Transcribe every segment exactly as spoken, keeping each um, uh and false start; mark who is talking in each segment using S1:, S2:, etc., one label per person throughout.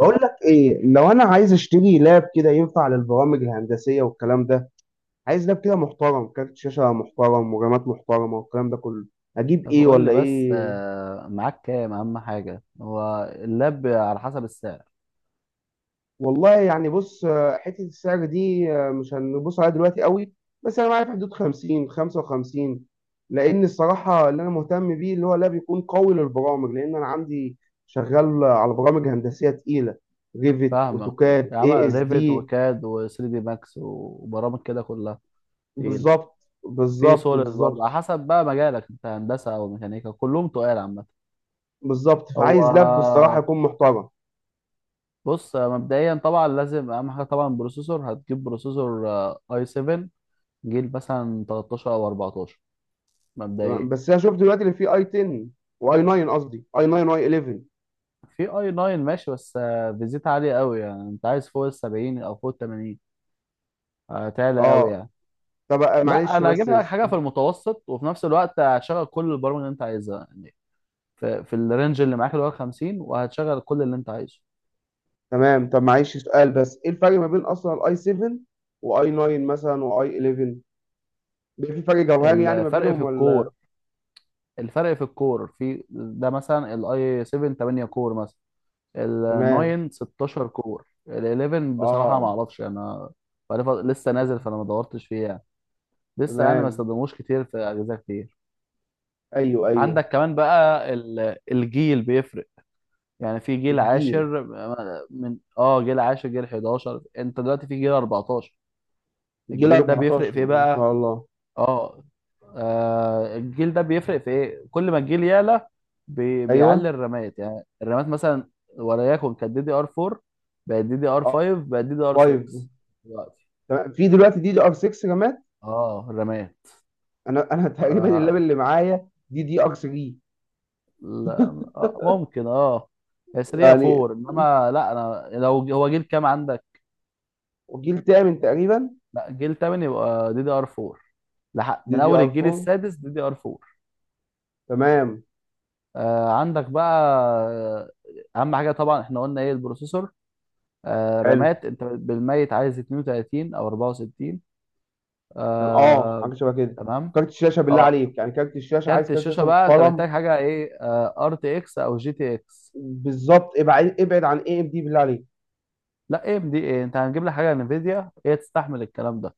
S1: بقول لك ايه؟ لو انا عايز اشتري لاب كده ينفع للبرامج الهندسيه والكلام ده. عايز لاب كده محترم، كارت شاشه محترم ورامات محترمه والكلام ده كله. اجيب
S2: طب
S1: ايه
S2: قول لي
S1: ولا
S2: بس
S1: ايه؟
S2: آه، معاك كام؟ اهم حاجه هو اللاب على حسب السعر.
S1: والله يعني بص، آه، حته السعر دي آه، مش هنبص عليها دلوقتي قوي. بس انا معايا في حدود خمسين خمسة وخمسين. لان الصراحه اللي انا مهتم بيه اللي هو لاب يكون قوي للبرامج، لان انا عندي شغال على برامج هندسيه تقيله. ريفت،
S2: فاهمك.
S1: اوتوكاد،
S2: يا عم
S1: اي اس
S2: ريفيت
S1: دي.
S2: وكاد و3 دي ماكس وبرامج كده كلها تقيله.
S1: بالظبط،
S2: في
S1: بالظبط،
S2: سوليد برضه،
S1: بالظبط،
S2: على حسب بقى مجالك، انت هندسه او ميكانيكا كلهم تقال عامه.
S1: بالظبط،
S2: هو
S1: فعايز لاب الصراحه يكون محترم.
S2: بص، مبدئيا طبعا لازم اهم حاجه طبعا بروسيسور، هتجيب بروسيسور اي سبعة، جيل مثلا ثلاثة عشر او اربعتاشر
S1: تمام،
S2: مبدئيا.
S1: بس انا شفت دلوقتي اللي فيه اي عشرة واي تسعة، قصدي اي تسعة واي احداشر.
S2: في اي تسعة ماشي، بس آه، فيزيت عاليه قوي، يعني انت عايز فوق ال سبعين او فوق ال تمانين. آه، تعلى قوي
S1: اه،
S2: يعني.
S1: طب آه،
S2: لا،
S1: معلش
S2: انا هجيب
S1: بس
S2: لك
S1: س-
S2: حاجه في المتوسط وفي نفس الوقت هتشغل كل البرامج اللي انت عايزها، يعني في, في الرينج اللي معاك اللي هو خمسين، وهتشغل كل اللي انت عايزه.
S1: تمام. طب معلش، سؤال بس، ايه الفرق ما بين اصلا الاي سبعة واي تسعة مثلا واي احداشر؟ بيبقى في فرق جوهري يعني ما
S2: الفرق في
S1: بينهم ولا؟
S2: الكور، الفرق في الكور في ده. مثلا الاي سبعة، ثمانية كور مثلا. ال
S1: تمام،
S2: تسعة، ستاشر كور. ال احداشر بصراحه ما
S1: اه،
S2: اعرفش يعني، انا بقالي فت- لسه نازل، فانا ما دورتش فيه يعني. لسه يعني ما
S1: تمام،
S2: استخدموش كتير في اجهزه كتير.
S1: ايوه، ايوه.
S2: عندك كمان بقى ال- الجيل بيفرق. يعني في جيل
S1: الجيل
S2: عاشر، من اه جيل عاشر، جيل احداشر، انت دلوقتي في جيل اربعتاشر.
S1: الجيل
S2: الجيل ده بيفرق في
S1: اربعتاشر
S2: ايه
S1: ما
S2: بقى؟
S1: شاء الله.
S2: اه. آه، الجيل ده بيفرق في ايه؟ كل ما الجيل يعلى بي...
S1: ايوه،
S2: بيعلي الرامات. يعني الرامات مثلا وليكن كانت دي دي ار اربعة، بقت دي دي ار
S1: اه،
S2: خمسة، بقت دي دي ار ستة
S1: خمسة.
S2: دلوقتي.
S1: تمام، في دلوقتي دي دي ار ستة رامات.
S2: اه الرامات.
S1: انا انا
S2: ف...
S1: تقريبا اللاب اللي معايا دي دي ار تلاتة.
S2: لا. آه، ممكن. اه، هي تلاتة،
S1: يعني
S2: اربعة. انما لا، انا لو... هو جيل كام عندك؟
S1: وجيل تامن تقريبا.
S2: لا، جيل تمن يبقى دي دي ار اربعة. لح-
S1: دي
S2: من
S1: دي ار
S2: اول الجيل
S1: اربعة،
S2: السادس دي دي ار اربعة.
S1: تمام.
S2: آه عندك بقى. آه، اهم حاجه طبعا احنا قلنا ايه؟ البروسيسور. آه
S1: حلو،
S2: رامات، انت بالميت عايز اتنين وتلاتين او اربعة وستين.
S1: كان اه
S2: آه.
S1: حاجه شبه كده.
S2: تمام.
S1: كارت الشاشه بالله
S2: اه
S1: عليك، يعني كارت الشاشه عايز
S2: كارت
S1: كارت
S2: الشاشه
S1: شاشه
S2: بقى، انت
S1: محترم.
S2: محتاج حاجه ايه؟ آه، ار تي اكس او جي تي اكس.
S1: بالظبط، ابعد ابعد عن اي ام دي بالله عليك.
S2: لا ام دي ايه، انت هنجيب لك حاجه انفيديا هي تستحمل الكلام ده.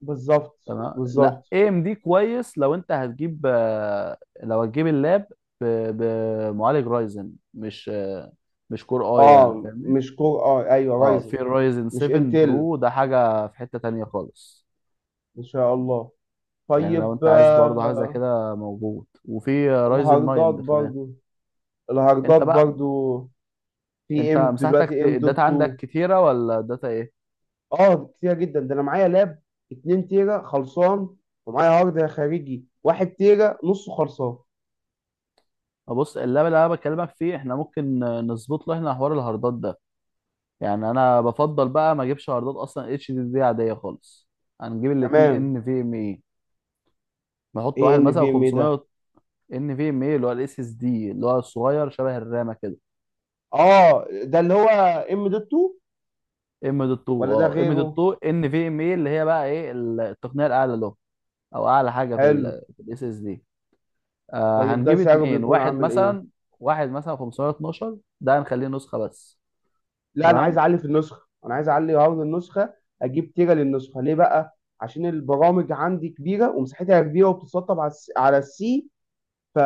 S1: بالظبط،
S2: تمام. لا،
S1: بالظبط.
S2: اي ام دي كويس لو انت هتجيب، آه، لو هتجيب اللاب ب- بمعالج رايزن، مش آه، مش كور اي، يعني
S1: اه،
S2: فاهمني.
S1: مش كور، اه، ايوه
S2: اه،
S1: رايزن.
S2: في الرايزن
S1: مش
S2: سبعة
S1: انتل.
S2: برو، ده حاجه في حته تانية خالص.
S1: ان شاء الله.
S2: يعني لو
S1: طيب،
S2: انت عايز برضه حاجه زي
S1: آه.
S2: كده موجود، وفي رايزن تسعة
S1: الهاردات
S2: ده كمان.
S1: برضو، الهاردات
S2: انت بقى
S1: برضو. في
S2: انت
S1: ام
S2: مساحتك ت-
S1: دلوقتي، ام دوت
S2: الداتا عندك
S1: اتنين.
S2: كتيره ولا الداتا ايه؟
S1: اه، كتير جدا، ده انا معايا لاب اتنين تيرا خلصان، ومعايا هارد خارجي واحد تيرا نصه خلصان.
S2: بص، اللاب اللي انا بكلمك فيه احنا ممكن نظبط له احنا حوار الهاردات ده. يعني انا بفضل بقى ما اجيبش عرضات اصلا اتش دي دي عاديه خالص. هنجيب الاتنين
S1: تمام.
S2: ان في ام اي، نحط
S1: ايه
S2: واحد
S1: ان
S2: مثلا
S1: في ام اي ده؟
S2: خمسمائة. ان في ام اي اللي هو الاس اس دي، اللي هو الصغير شبه الرامه كده.
S1: اه، ده اللي هو ام دوت اتنين
S2: ام دوت اتنين.
S1: ولا ده
S2: اه، ام دوت
S1: غيره؟
S2: اتنين ان في ام اي اللي هي بقى ايه، ال- التقنيه الاعلى له، او اعلى حاجه في
S1: حلو.
S2: الاس اس دي. آه،
S1: طيب ده
S2: هنجيب
S1: سعره
S2: اتنين،
S1: بيكون
S2: واحد
S1: عامل ايه؟
S2: مثلا، واحد مثلا خمسمية واتناشر ده هنخليه نسخه بس.
S1: لا انا عايز
S2: تمام،
S1: اعلي في النسخه، انا عايز اعلي هارد النسخه. اجيب تيرا للنسخه ليه بقى؟ عشان البرامج عندي كبيره ومساحتها كبيره وبتتسطب على الس- على السي. ف،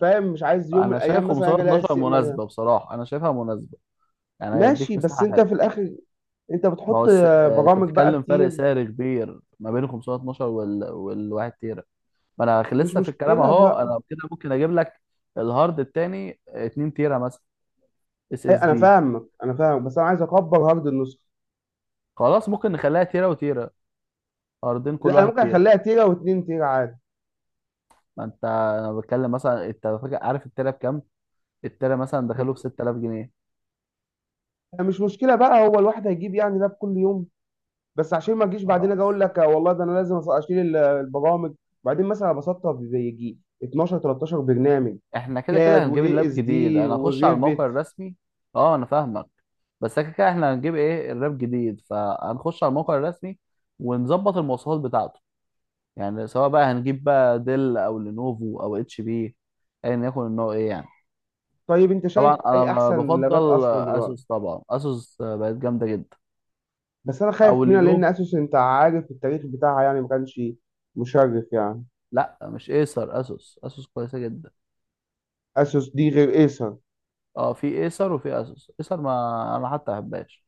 S1: فاهم؟ مش عايز يوم من
S2: انا شايف
S1: الايام مثلا اجي الاقي
S2: خمسمية واتناشر
S1: السي مليان.
S2: مناسبه، بصراحه انا شايفها مناسبه، يعني
S1: ماشي،
S2: هيديك
S1: بس انت
S2: مساحه.
S1: في الاخر انت
S2: ما
S1: بتحط
S2: هو الس... آه، انت
S1: برامج بقى
S2: بتتكلم فرق
S1: كتير.
S2: سعر كبير ما بين خمسمية واتناشر وال... والواحد تيرا. ما انا خ-
S1: مش
S2: لسه في الكلام
S1: مشكله
S2: اهو،
S1: بقى.
S2: انا كده ممكن اجيب لك الهارد التاني 2 تيرا مثلا، اس اس
S1: أي- انا
S2: دي.
S1: فاهمك، انا فاهمك، بس انا عايز اكبر هارد النسخه.
S2: خلاص، ممكن نخليها تيرا وتيرا، هاردين كل
S1: لا انا
S2: واحد
S1: ممكن
S2: تيرا.
S1: اخليها تيرا واتنين تيرا عادي.
S2: ما انت انا بتكلم مثلا، انت فاكر عارف التيرا بكام؟ التيرا مثلا دخله ب ستة آلاف جنيه.
S1: أنا مش مشكله بقى، هو الواحد هيجيب يعني لاب كل يوم؟ بس عشان ما اجيش بعدين اجي اقول
S2: خلاص،
S1: لك والله ده انا لازم أص- اشيل ال- البرامج، بعدين مثلا بسطها بيجي اتناشر تلتاشر برنامج.
S2: احنا كده
S1: كاد
S2: كده هنجيب
S1: واي
S2: اللاب
S1: اس
S2: جديد،
S1: دي
S2: انا اخش على
S1: وريفت.
S2: الموقع الرسمي. اه انا فاهمك. بس كده كده احنا هنجيب ايه اللاب جديد، فهنخش على الموقع الرسمي ونظبط المواصفات بتاعته. يعني سواء بقى هنجيب بقى ديل او لينوفو او اتش بي، ايا يكن النوع ايه يعني.
S1: طيب انت شايف
S2: طبعا
S1: اي
S2: انا
S1: احسن لابات
S2: بفضل
S1: اصلا دلوقتي؟
S2: اسوس، طبعا اسوس بقت جامده جدا،
S1: بس انا خايف
S2: او
S1: منها، لان
S2: لينوفو.
S1: اسوس انت عارف التاريخ بتاعها، يعني ما كانش مشرف يعني.
S2: لا، مش ايسر، اسوس. اسوس كويسه جدا.
S1: اسوس دي غير ايسر؟
S2: اه في ايسر وفي اسوس، ايسر ما... انا حتى ما بحبهاش.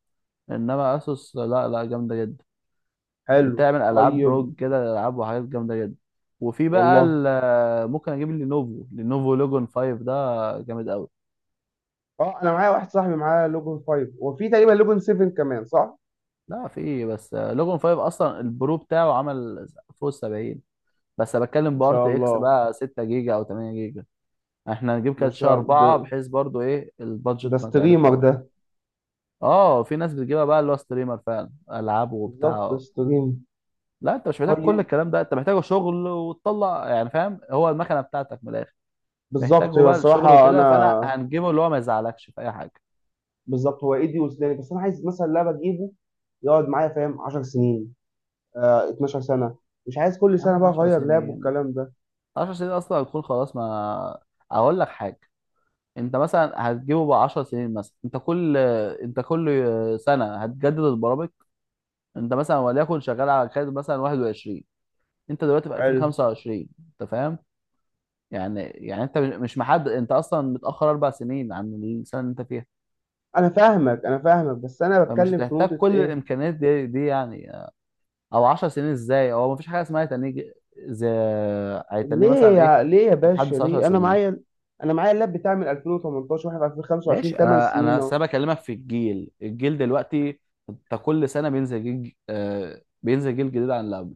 S2: انما اسوس، لا لا، جامده جدا.
S1: حلو،
S2: بتعمل العاب روج
S1: طيب.
S2: كده، العاب وحاجات جامده جدا. وفي بقى
S1: والله.
S2: ال- ممكن اجيب لينوفو، لينوفو لوجون خمسة ده جامد قوي.
S1: اه، انا معايا واحد صاحبي معاه لوجن خمسة، وفي تقريبا لوجن سبعة كمان، صح؟
S2: لا، في إيه، بس لوجون خمسة اصلا البرو بتاعه عمل فوق سبعين. بس أنا بتكلم
S1: ما
S2: بارت
S1: شاء
S2: اكس
S1: الله.
S2: بقى 6 جيجا او 8 جيجا. احنا هنجيب
S1: ما
S2: كاتشة
S1: شاء الله،
S2: اربعة،
S1: ده
S2: بحيث برضو ايه
S1: ده
S2: البادجت ما تعلاش
S1: ستريمر
S2: قوي.
S1: ده.
S2: اه، في ناس بتجيبها بقى اللي هو ستريمر فعلا، العاب
S1: بالظبط، ده
S2: وبتاع.
S1: ستريم.
S2: لا، انت مش محتاج كل
S1: طيب.
S2: الكلام ده، انت محتاج شغل وتطلع يعني. فاهم؟ هو المكنه بتاعتك من الاخر،
S1: بالظبط،
S2: محتاجه
S1: هو
S2: بقى للشغل
S1: الصراحه
S2: وكده، فانا
S1: انا،
S2: هنجيبه اللي هو ما يزعلكش في اي حاجه.
S1: بالظبط، هو ايدي وسناني، بس انا عايز مثلا لعبه اجيبه يقعد معايا فاهم 10 سنين، آه 12 سنه، مش عايز كل
S2: يا
S1: سنه
S2: عم
S1: بقى
S2: 10
S1: اغير لعب
S2: سنين،
S1: والكلام ده.
S2: عشر سنين اصلا هتكون خلاص. ما اقول لك حاجه، انت مثلا هتجيبه ب عشر سنين مثلا، انت كل انت كل سنه هتجدد البرامج. انت مثلا وليكن شغال على كارت مثلا واحد وعشرين، انت دلوقتي في
S1: حلو.
S2: الفين وخمسة وعشرين. انت فاهم؟ يعني يعني انت مش محدد، انت اصلا متاخر اربع سنين عن السنه اللي انت فيها.
S1: انا فاهمك، انا فاهمك، بس انا
S2: فمش
S1: بتكلم في
S2: هتحتاج
S1: نقطه،
S2: كل
S1: ايه؟
S2: الامكانيات دي دي يعني. او عشر سنين ازاي، هو مفيش حاجه اسمها هيتنيه، زي هيتنيه
S1: ليه؟
S2: مثلا ايه؟
S1: يا ليه يا باشا،
S2: بتحدث عشر
S1: ليه؟ انا
S2: سنين؟
S1: معايا، انا معايا اللاب بتاعي من الفين وتمنتاشر واحنا في الفين وخمسة وعشرين،
S2: ماشي،
S1: 8
S2: انا
S1: سنين
S2: انا
S1: اهو.
S2: أصل انا بكلمك في الجيل، الجيل دلوقتي انت كل سنه بينزل جيل ج- آه بينزل جيل جديد عن اللي قبله.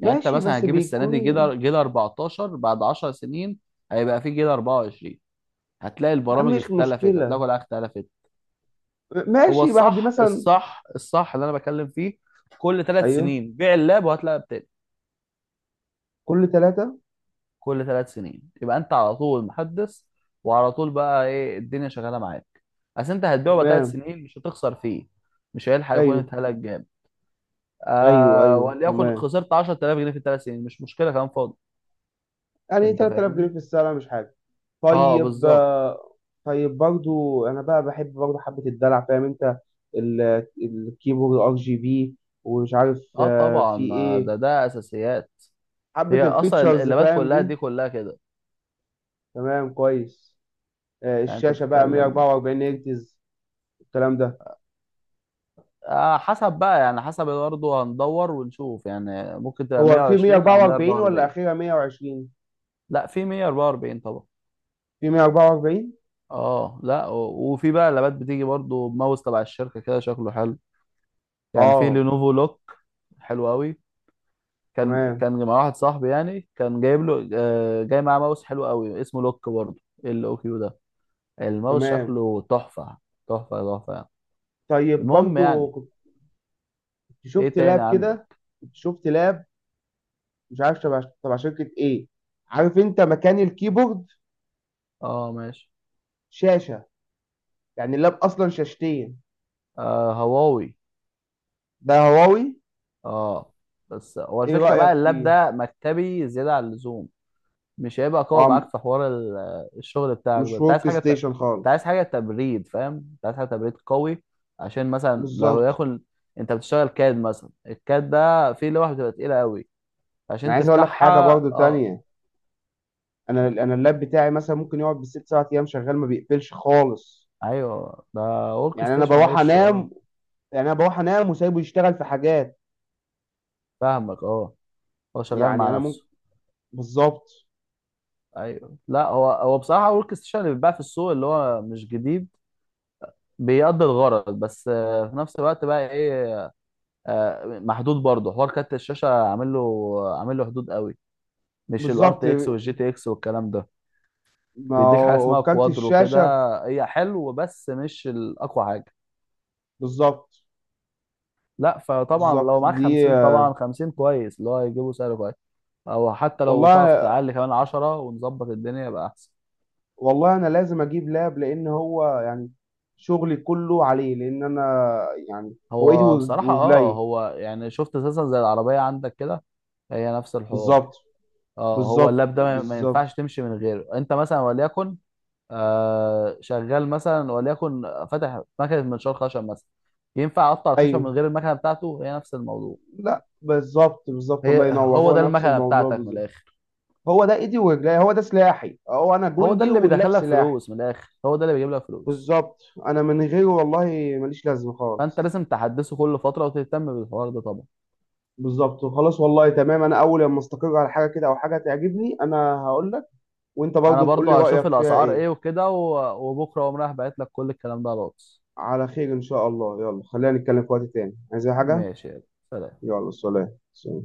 S2: يعني انت مثلا
S1: بس
S2: هتجيب السنه دي
S1: بيكون.
S2: جيل، جيل اربعتاشر، بعد عشر سنين هيبقى في جيل اربعة وعشرين، هتلاقي
S1: يا عم
S2: البرامج
S1: مش
S2: اختلفت، هتلاقي
S1: مشكله.
S2: كل حاجه اختلفت. هو
S1: ماشي، بعد
S2: الصح،
S1: مثلا.
S2: الصح الصح اللي انا بتكلم فيه، كل ثلاث
S1: ايوه.
S2: سنين بيع اللاب وهات لاب تاني.
S1: كل ثلاثه.
S2: كل ثلاث سنين يبقى انت على طول محدث، وعلى طول بقى ايه الدنيا شغاله معاك. اصل انت هتبيعه بقى ثلاث
S1: تمام.
S2: سنين، مش هتخسر فيه، مش هيلحق يكون
S1: ايوه،
S2: اتهلك جامد.
S1: ايوه.
S2: آه،
S1: ايوه
S2: وليكن
S1: تمام.
S2: خسرت عشرة آلاف جنيه في الثلاث سنين، مش مشكله كلام فاضي.
S1: يعني
S2: انت
S1: ثلاثة آلاف جنيه
S2: فاهمني.
S1: في السنه مش حاجه.
S2: اه
S1: طيب،
S2: بالظبط.
S1: آه. طيب برضو، انا بقى بحب برضو حبه الدلع، فاهم انت؟ ال- الكيبورد ار جي بي، ومش عارف
S2: اه
S1: آه، في
S2: طبعا، آه،
S1: ايه،
S2: ده ده اساسيات.
S1: حبه
S2: هي اصلا
S1: الفيتشرز
S2: اللابات
S1: فاهم
S2: كلها
S1: دي.
S2: دي كلها كده.
S1: تمام، كويس. آه،
S2: يعني انت
S1: الشاشة بقى
S2: بتتكلم،
S1: ميه واربعه واربعين هرتز، الكلام ده.
S2: آه حسب بقى يعني، حسب برضه هندور ونشوف، يعني ممكن تبقى
S1: هو في
S2: ميه وعشرين او
S1: ميه واربعه واربعين ولا
S2: مية وأربعة وأربعين.
S1: أخيرا مئة وعشرون؟
S2: لا، في مية وأربعة وأربعين طبعا.
S1: في ميه واربعه واربعين.
S2: اه، لا و- وفي بقى لابات بتيجي برضو بماوس تبع الشركه كده شكله حلو، يعني في
S1: اه،
S2: لينوفو لوك، حلو قوي. كان
S1: تمام،
S2: كان مع واحد صاحبي يعني، كان جايب له آه، جاي معاه ماوس حلو قوي اسمه لوك برضو، ال او كيو ده. الماوس
S1: تمام.
S2: شكله تحفه، تحفه تحفه يعني.
S1: طيب،
S2: المهم يعني.
S1: برضو كنت
S2: ايه
S1: شفت
S2: تاني
S1: لاب كده،
S2: عندك؟
S1: كنت شفت لاب مش عارف تبع تبع شركة ايه، عارف انت مكان الكيبورد
S2: اه ماشي.
S1: شاشة، يعني اللاب اصلا شاشتين،
S2: آه، هواوي.
S1: ده هواوي.
S2: اه بس هو
S1: ايه
S2: الفكره
S1: رأيك
S2: بقى اللاب
S1: فيه؟
S2: ده مكتبي زياده عن اللزوم، مش هيبقى قوي
S1: اه،
S2: معاك في حوار ال- الشغل بتاعك ده.
S1: مش
S2: انت عايز
S1: ورك
S2: حاجه ت... انت
S1: ستيشن
S2: عايز
S1: خالص.
S2: حاجه تبريد، فاهم؟ انت عايز حاجه تبريد قوي، عشان مثلا لو
S1: بالظبط.
S2: ياخد، انت بتشتغل كاد مثلا، الكاد ده فيه لوحه بتبقى تقيله قوي
S1: انا
S2: عشان
S1: عايز اقول لك حاجة
S2: تفتحها.
S1: برضو
S2: اه
S1: تانية، انا انا اللاب بتاعي مثلا ممكن يقعد بالست سبع ايام شغال ما بيقفلش خالص.
S2: ايوه ده ورك
S1: يعني انا
S2: ستيشن
S1: بروح
S2: وش. اه
S1: انام، يعني انا بروح انام وسايبه يشتغل في حاجات.
S2: فاهمك، اه هو شغال
S1: يعني
S2: مع
S1: انا ممكن،
S2: نفسه.
S1: بالظبط،
S2: ايوه، لا هو هو بصراحه ورك ستيشن اللي بيتباع في السوق اللي هو مش جديد، بيقضي الغرض، بس آه، في نفس الوقت بقى ايه، آه، محدود برضه. حوار كارت الشاشه عامل له عامل له حدود قوي، مش الار
S1: بالظبط.
S2: تي اكس والجي تي اكس والكلام ده،
S1: ما
S2: بيديك حاجه
S1: هو
S2: اسمها
S1: كارت
S2: كوادرو كده،
S1: الشاشه.
S2: هي حلو بس مش الاقوى حاجه.
S1: بالظبط.
S2: لا، فطبعا
S1: بالظبط
S2: لو معاك
S1: دي.
S2: خمسين، طبعا خمسين كويس، اللي هو هيجيبه سعر كويس، او حتى لو تعرف
S1: والله،
S2: تعلي كمان عشرة ونظبط الدنيا يبقى احسن.
S1: والله انا لازم اجيب لاب لان هو يعني شغلي كله عليه، لان انا يعني، هو ايدي
S2: هو
S1: ورج-
S2: بصراحه اه
S1: ورجلي.
S2: هو يعني شفت اساسا زي العربيه عندك كده، هي نفس الحوار.
S1: بالظبط،
S2: اه هو
S1: بالظبط،
S2: اللاب ده ما ما
S1: بالظبط.
S2: ينفعش تمشي من غيره. انت مثلا وليكن آه شغال مثلا وليكن فاتح مكنه منشار خشب مثلا، ينفع اقطع الخشب من
S1: ايوه،
S2: غير المكنه بتاعته؟ هي نفس الموضوع.
S1: لا بالظبط، بالظبط، الله
S2: هي
S1: ينور،
S2: هو
S1: هو
S2: ده
S1: نفس
S2: المكنه
S1: الموضوع
S2: بتاعتك من
S1: بالظبط.
S2: الاخر،
S1: هو ده ايدي ورجلي، هو ده سلاحي، هو انا
S2: هو ده
S1: جندي
S2: اللي
S1: واللاب
S2: بيدخلك
S1: سلاحي.
S2: فلوس من الاخر، هو ده اللي بيجيب لك فلوس.
S1: بالظبط. انا من غيره والله ماليش لازمه
S2: فانت
S1: خالص.
S2: لازم تحدثه كل فتره وتهتم بالحوار ده طبعا.
S1: بالظبط. خلاص، والله تمام، انا اول لما استقر على حاجه كده او حاجه تعجبني انا هقول لك، وانت
S2: انا
S1: برضو تقول
S2: برضو
S1: لي رايك
S2: هشوف
S1: فيها
S2: الاسعار
S1: ايه.
S2: ايه وكده و- وبكره اقوم رايح باعت لك كل الكلام ده على الواتس.
S1: على خير، ان شاء الله. يلا خلينا نتكلم في وقت تاني، عايز أي حاجه؟
S2: ماشي، يلا سلام.
S1: يلا، سلام، سلام.